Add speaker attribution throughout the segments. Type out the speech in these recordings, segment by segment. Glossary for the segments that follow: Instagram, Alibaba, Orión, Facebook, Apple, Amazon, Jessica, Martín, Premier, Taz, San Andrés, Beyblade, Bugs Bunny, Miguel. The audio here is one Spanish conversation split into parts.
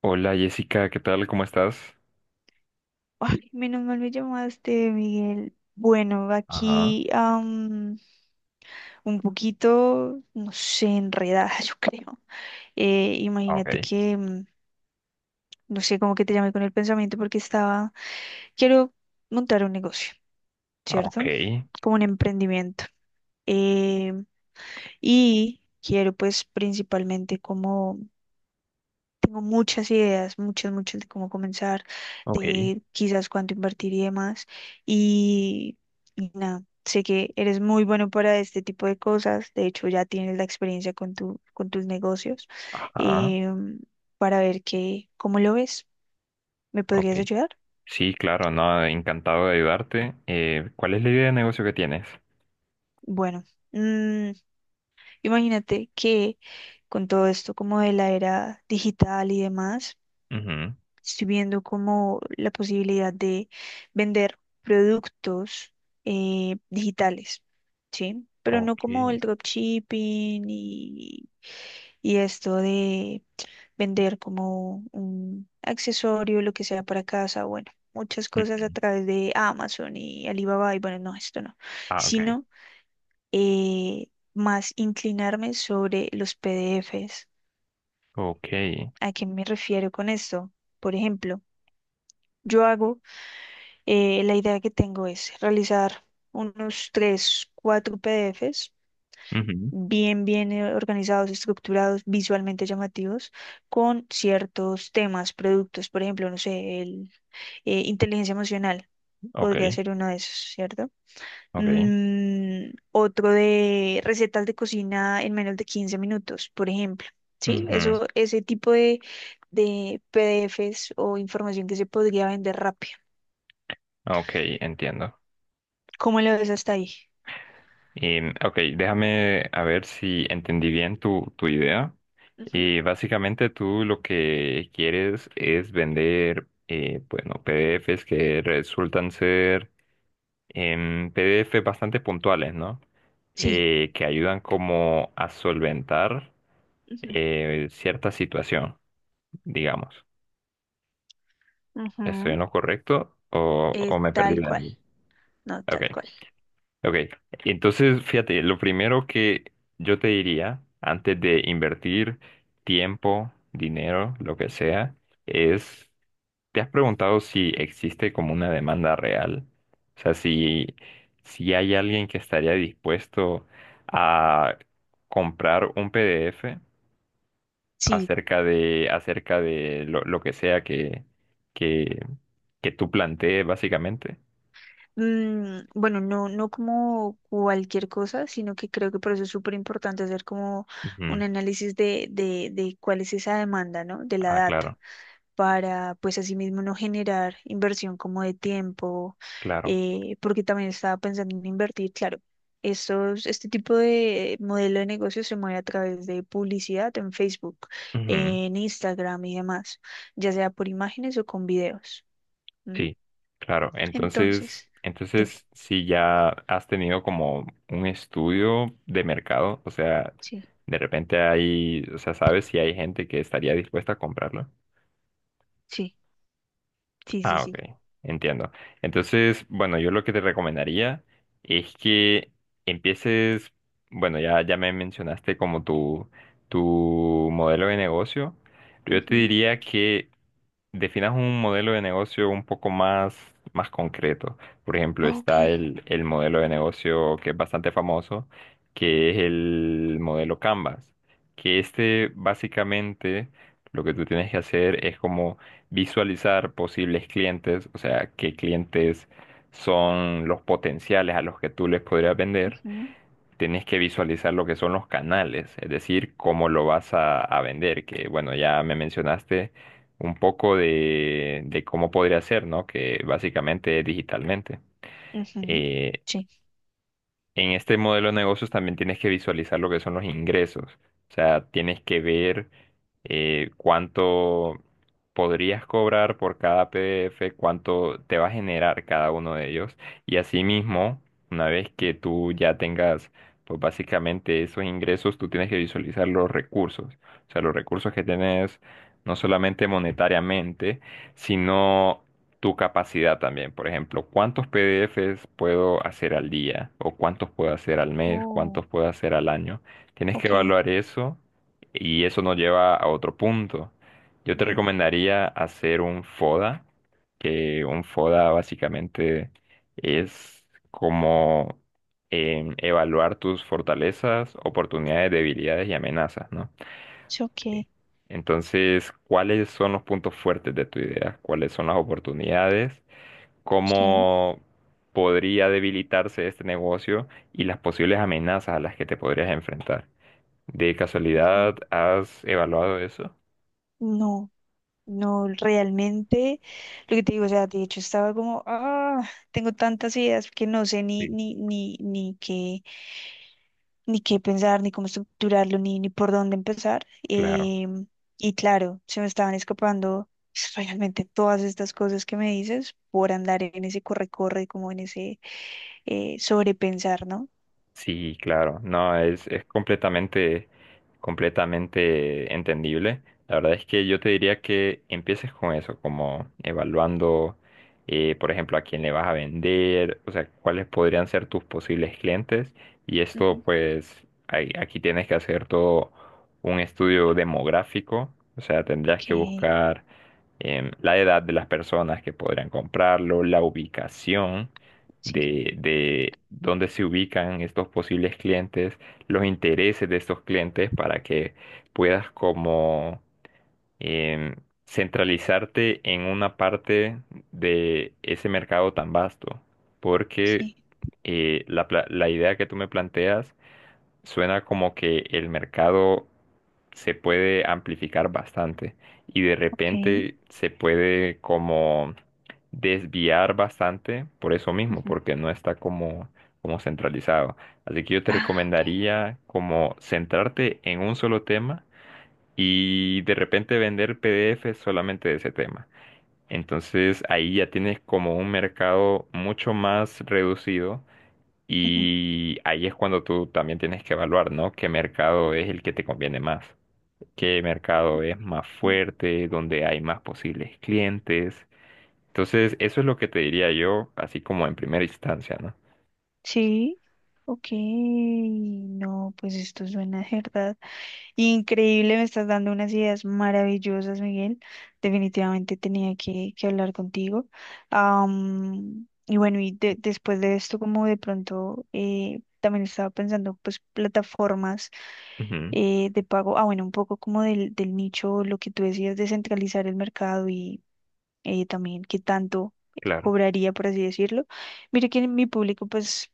Speaker 1: Hola Jessica, ¿qué tal? ¿Cómo estás?
Speaker 2: Ay, menos mal me llamaste, Miguel. Bueno,
Speaker 1: Ajá,
Speaker 2: aquí un poquito, no sé, enredada, yo creo.
Speaker 1: ok,
Speaker 2: Imagínate que, no sé, como que te llamé con el pensamiento porque estaba, quiero montar un negocio,
Speaker 1: ok,
Speaker 2: ¿cierto? Como un emprendimiento. Eh, y quiero pues principalmente como tengo muchas ideas, muchas, muchas de cómo comenzar,
Speaker 1: ok,
Speaker 2: de quizás cuánto invertir y demás. Y, y nada, sé que eres muy bueno para este tipo de cosas. De hecho, ya tienes la experiencia con con tus negocios,
Speaker 1: ajá,
Speaker 2: em, para ver que, cómo lo ves. ¿Me
Speaker 1: ok.
Speaker 2: podrías ayudar?
Speaker 1: Sí, claro, no, encantado de ayudarte. ¿Cuál es la idea de negocio que tienes?
Speaker 2: Bueno, mm, imagínate que con todo esto como de la era digital y demás,
Speaker 1: Ujú,
Speaker 2: estoy viendo como la posibilidad de vender productos digitales, ¿sí? Pero no
Speaker 1: ok,
Speaker 2: como el dropshipping y esto de vender como un accesorio, lo que sea para casa, bueno, muchas
Speaker 1: mm,
Speaker 2: cosas a través de Amazon y Alibaba y bueno, no, esto no,
Speaker 1: ah, ok,
Speaker 2: sino eh, más inclinarme sobre los PDFs.
Speaker 1: ok,
Speaker 2: ¿A qué me refiero con esto? Por ejemplo, yo hago la idea que tengo es realizar unos tres, cuatro PDFs
Speaker 1: ujú,
Speaker 2: bien, bien, organizados, estructurados, visualmente llamativos, con ciertos temas, productos, por ejemplo, no sé, inteligencia emocional
Speaker 1: ok,
Speaker 2: podría ser uno de esos, ¿cierto?
Speaker 1: ok,
Speaker 2: Otro de recetas de cocina en menos de 15 minutos, por ejemplo. Sí,
Speaker 1: ujú,
Speaker 2: eso, ese tipo de PDFs o información que se podría vender rápido.
Speaker 1: ok, entiendo.
Speaker 2: ¿Cómo lo ves hasta ahí?
Speaker 1: Ok, déjame a ver si entendí bien tu idea.
Speaker 2: Ujú.
Speaker 1: Y básicamente tú lo que quieres es vender, bueno, PDFs que resultan ser PDF bastante puntuales, ¿no?
Speaker 2: Sí.
Speaker 1: Que ayudan como a solventar
Speaker 2: Ujú,
Speaker 1: cierta situación, digamos. ¿Estoy en
Speaker 2: ujú,
Speaker 1: lo correcto o me perdí
Speaker 2: tal
Speaker 1: de
Speaker 2: cual,
Speaker 1: algo?
Speaker 2: no,
Speaker 1: Ok,
Speaker 2: tal cual.
Speaker 1: ok. Entonces, fíjate, lo primero que yo te diría antes de invertir tiempo, dinero, lo que sea, es ¿te has preguntado si existe como una demanda real? O sea, si, si hay alguien que estaría dispuesto a comprar un PDF
Speaker 2: Sí,
Speaker 1: acerca de lo que sea que, que tú plantees, básicamente.
Speaker 2: bueno, no, no como cualquier cosa, sino que creo que por eso es súper importante hacer como un
Speaker 1: Ujú.
Speaker 2: análisis de cuál es esa demanda, ¿no? De la
Speaker 1: Ah,
Speaker 2: data.
Speaker 1: claro,
Speaker 2: Para pues asimismo no generar inversión como de tiempo,
Speaker 1: claro.
Speaker 2: porque también estaba pensando en invertir, claro, este tipo de modelo de negocio se mueve a través de publicidad en Facebook,
Speaker 1: Ujú.
Speaker 2: en Instagram y demás, ya sea por imágenes o con videos. ¿M?
Speaker 1: Sí, claro. Entonces,
Speaker 2: Entonces, dime,
Speaker 1: entonces, si ya has tenido como un estudio de mercado, o sea,
Speaker 2: sí,
Speaker 1: de repente hay, o sea, ¿sabes si hay gente que estaría dispuesta a comprarlo?
Speaker 2: sí, sí, sí,
Speaker 1: Ah, ok,
Speaker 2: sí.
Speaker 1: entiendo. Entonces, bueno, yo lo que te recomendaría es que empieces, bueno, ya me mencionaste como tu modelo de negocio. Yo te
Speaker 2: Ujú,
Speaker 1: diría que definas un modelo de negocio un poco más concreto. Por ejemplo,
Speaker 2: ok,
Speaker 1: está el modelo de negocio que es bastante famoso, que es el modelo Canvas, que este básicamente lo que tú tienes que hacer es como visualizar posibles clientes, o sea, qué clientes son los potenciales a los que tú les podrías vender
Speaker 2: ujú,
Speaker 1: tienes que visualizar lo que son los canales, es decir, cómo lo vas a vender, que bueno, ya me mencionaste un poco de cómo podría ser, ¿no? Que básicamente es digitalmente.
Speaker 2: ujú,
Speaker 1: Eh,
Speaker 2: sí.
Speaker 1: en este modelo de negocios también tienes que visualizar lo que son los ingresos. O sea, tienes que ver cuánto podrías cobrar por cada PDF, cuánto te va a generar cada uno de ellos. Y asimismo, una vez que tú ya tengas, pues básicamente esos ingresos, tú tienes que visualizar los recursos. O sea, los recursos que tienes no solamente monetariamente, sino tu capacidad también. Por ejemplo, ¿cuántos PDFs puedo hacer al día? ¿O cuántos puedo hacer al mes?
Speaker 2: Oh,
Speaker 1: ¿Cuántos puedo hacer al año? Tienes que
Speaker 2: ok.
Speaker 1: evaluar eso y eso nos lleva a otro punto. Yo te
Speaker 2: Ujú,
Speaker 1: recomendaría hacer un FODA, que un FODA básicamente es como evaluar tus fortalezas, oportunidades, debilidades y amenazas, ¿no?
Speaker 2: sí,
Speaker 1: Sí.
Speaker 2: ok,
Speaker 1: Entonces, ¿cuáles son los puntos fuertes de tu idea? ¿Cuáles son las oportunidades?
Speaker 2: sí.
Speaker 1: Cómo podría debilitarse este negocio y las posibles amenazas a las que te podrías enfrentar. ¿De
Speaker 2: Ujú.
Speaker 1: casualidad has evaluado eso?
Speaker 2: No. No, realmente, lo que te digo, o sea, de hecho estaba como, ah, tengo tantas ideas que no sé
Speaker 1: Sí,
Speaker 2: ni qué, ni qué pensar, ni cómo estructurarlo, ni por dónde empezar.
Speaker 1: claro.
Speaker 2: Em, y claro, se me estaban escapando pues, realmente todas estas cosas que me dices por andar en ese corre-corre, como en ese sobrepensar, ¿no?
Speaker 1: Sí, claro, no, es completamente, completamente entendible. La verdad es que yo te diría que empieces con eso, como evaluando, por ejemplo, a quién le vas a vender, o sea, cuáles podrían ser tus posibles clientes. Y esto,
Speaker 2: Ujú,
Speaker 1: pues, aquí tienes que hacer todo un estudio demográfico, o sea, tendrías
Speaker 2: ok,
Speaker 1: que buscar la edad de las personas que podrían comprarlo, la ubicación
Speaker 2: sí,
Speaker 1: de dónde se ubican estos posibles clientes, los intereses de estos clientes para que puedas como em, centralizarte en una parte de ese mercado tan vasto. Porque
Speaker 2: sí,
Speaker 1: la idea que tú me planteas suena como que el mercado se puede amplificar bastante y de
Speaker 2: ok.
Speaker 1: repente se puede como desviar bastante por eso mismo,
Speaker 2: Ujú.
Speaker 1: porque no está como, como centralizado. Así que yo te
Speaker 2: Ah, ok.
Speaker 1: recomendaría como centrarte en un solo tema y de repente vender PDF solamente de ese tema. Entonces ahí ya tienes como un mercado mucho más reducido
Speaker 2: Ujú,
Speaker 1: y ahí es cuando tú también tienes que evaluar, ¿no? ¿Qué mercado es el que te conviene más? ¿Qué mercado es más
Speaker 2: ok.
Speaker 1: fuerte, donde hay más posibles clientes? Entonces, eso es lo que te diría yo, así como en primera instancia, ¿no?
Speaker 2: Sí, ok, no, pues esto suena de verdad increíble, me estás dando unas ideas maravillosas, Miguel. Definitivamente tenía que hablar contigo. Y bueno, y después de esto, como de pronto también estaba pensando, pues plataformas
Speaker 1: Ujú,
Speaker 2: de pago, ah, bueno, un poco como del nicho, lo que tú decías, descentralizar el mercado y también qué tanto
Speaker 1: claro,
Speaker 2: cobraría, por así decirlo. Mire que mi público, pues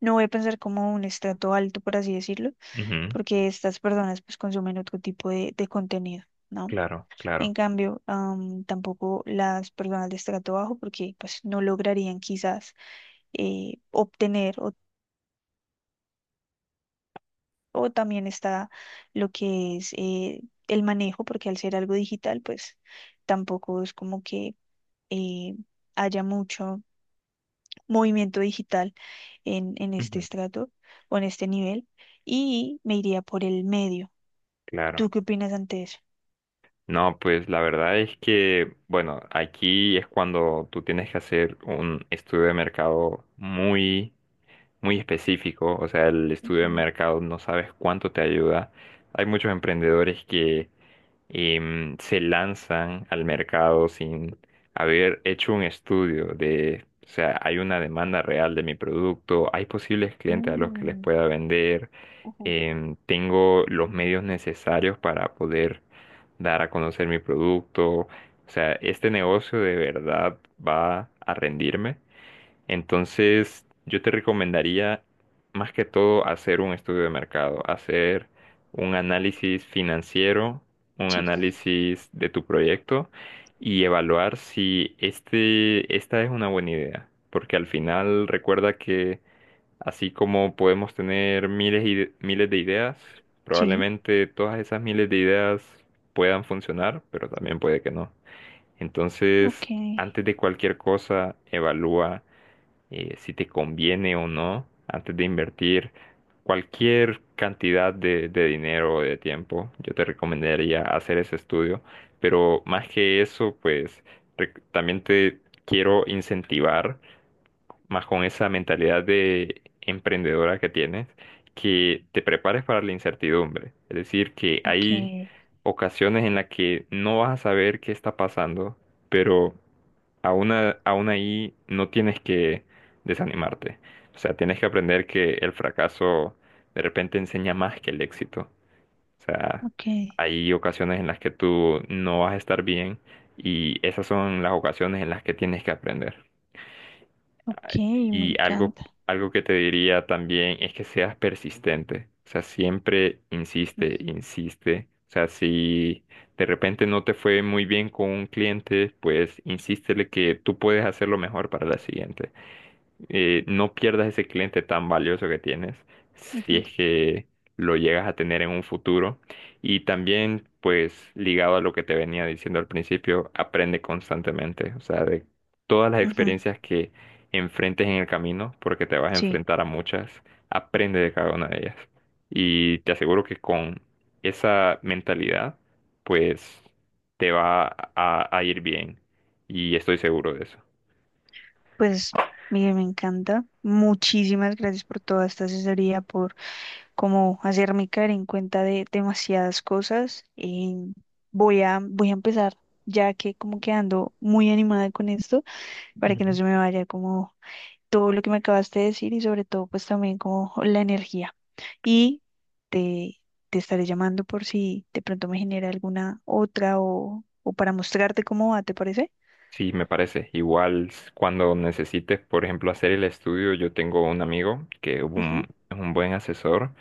Speaker 2: no voy a pensar como un estrato alto, por así decirlo,
Speaker 1: ujú,
Speaker 2: porque estas personas pues consumen otro tipo de contenido, ¿no?
Speaker 1: claro,
Speaker 2: En
Speaker 1: claro,
Speaker 2: cambio, tampoco las personas de estrato bajo, porque pues no lograrían quizás obtener, o también está lo que es el manejo, porque al ser algo digital, pues tampoco es como que eh, haya mucho movimiento digital en este
Speaker 1: ujú,
Speaker 2: estrato o en este nivel, y me iría por el medio. ¿Tú
Speaker 1: claro.
Speaker 2: qué opinas ante eso?
Speaker 1: No, pues la verdad es que, bueno, aquí es cuando tú tienes que hacer un estudio de mercado muy específico, o sea, el estudio de
Speaker 2: Ujú.
Speaker 1: mercado no sabes cuánto te ayuda. Hay muchos emprendedores que se lanzan al mercado sin haber hecho un estudio de, o sea, hay una demanda real de mi producto, hay posibles clientes a los que les
Speaker 2: Mm,
Speaker 1: pueda vender,
Speaker 2: ujú.
Speaker 1: tengo los medios necesarios para poder dar a conocer mi producto. O sea, este negocio de verdad va a rendirme. Entonces, yo te recomendaría más que todo hacer un estudio de mercado, hacer un análisis financiero, un
Speaker 2: Sí.
Speaker 1: análisis de tu proyecto y evaluar si este, esta es una buena idea. Porque al final recuerda que así como podemos tener miles y miles de ideas,
Speaker 2: Sí,
Speaker 1: probablemente todas esas miles de ideas puedan funcionar, pero también puede que no.
Speaker 2: ok,
Speaker 1: Entonces, antes de cualquier cosa, evalúa si te conviene o no antes de invertir cualquier cantidad de dinero o de tiempo. Yo te recomendaría hacer ese estudio, pero más que eso, pues también te quiero incentivar más con esa mentalidad de emprendedora que tienes, que te prepares para la incertidumbre. Es decir, que
Speaker 2: ok,
Speaker 1: hay ocasiones en las que no vas a saber qué está pasando, pero aún ahí no tienes que desanimarte. O sea, tienes que aprender que el fracaso de repente enseña más que el éxito. O sea,
Speaker 2: ok,
Speaker 1: hay ocasiones en las que tú no vas a estar bien y esas son las ocasiones en las que tienes que aprender.
Speaker 2: ok, me
Speaker 1: Y algo,
Speaker 2: encanta.
Speaker 1: algo que te diría también es que seas persistente. O sea, siempre
Speaker 2: Mm,
Speaker 1: insiste, insiste. O sea, si de repente no te fue muy bien con un cliente, pues insístele que tú puedes hacerlo mejor para la siguiente no pierdas ese cliente tan valioso que tienes si
Speaker 2: ujú,
Speaker 1: es que lo llegas a tener en un futuro. Y también, pues, ligado a lo que te venía diciendo al principio, aprende constantemente, o sea, de todas las
Speaker 2: ujú,
Speaker 1: experiencias que enfrentes en el camino, porque te vas a
Speaker 2: sí,
Speaker 1: enfrentar a muchas, aprende de cada una de ellas. Y te aseguro que con esa mentalidad, pues, te va a ir bien. Y estoy seguro de eso.
Speaker 2: pues mire, me encanta. Muchísimas gracias por toda esta asesoría, por cómo hacerme caer en cuenta de demasiadas cosas. Voy a empezar, ya que como que ando muy animada con esto, para que no se me vaya como todo lo que me acabaste de decir y sobre todo pues también como la energía. Y te, te estaré llamando por si de pronto me genera alguna otra o para mostrarte cómo va, ¿te parece?
Speaker 1: Sí, me parece. Igual cuando necesites, por ejemplo, hacer el estudio, yo tengo un amigo que es
Speaker 2: Ujú,
Speaker 1: es un buen asesor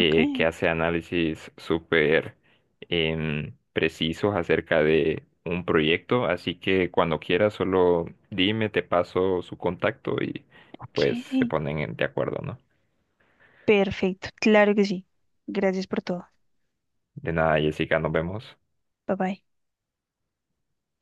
Speaker 2: ok,
Speaker 1: que hace análisis súper precisos acerca de un proyecto. Así que cuando quieras, solo dime, te paso su contacto y
Speaker 2: ok.
Speaker 1: pues se ponen de acuerdo, ¿no?
Speaker 2: Perfecto, claro que sí. Gracias por todo.
Speaker 1: De nada, Jessica, nos vemos.
Speaker 2: Bye bye.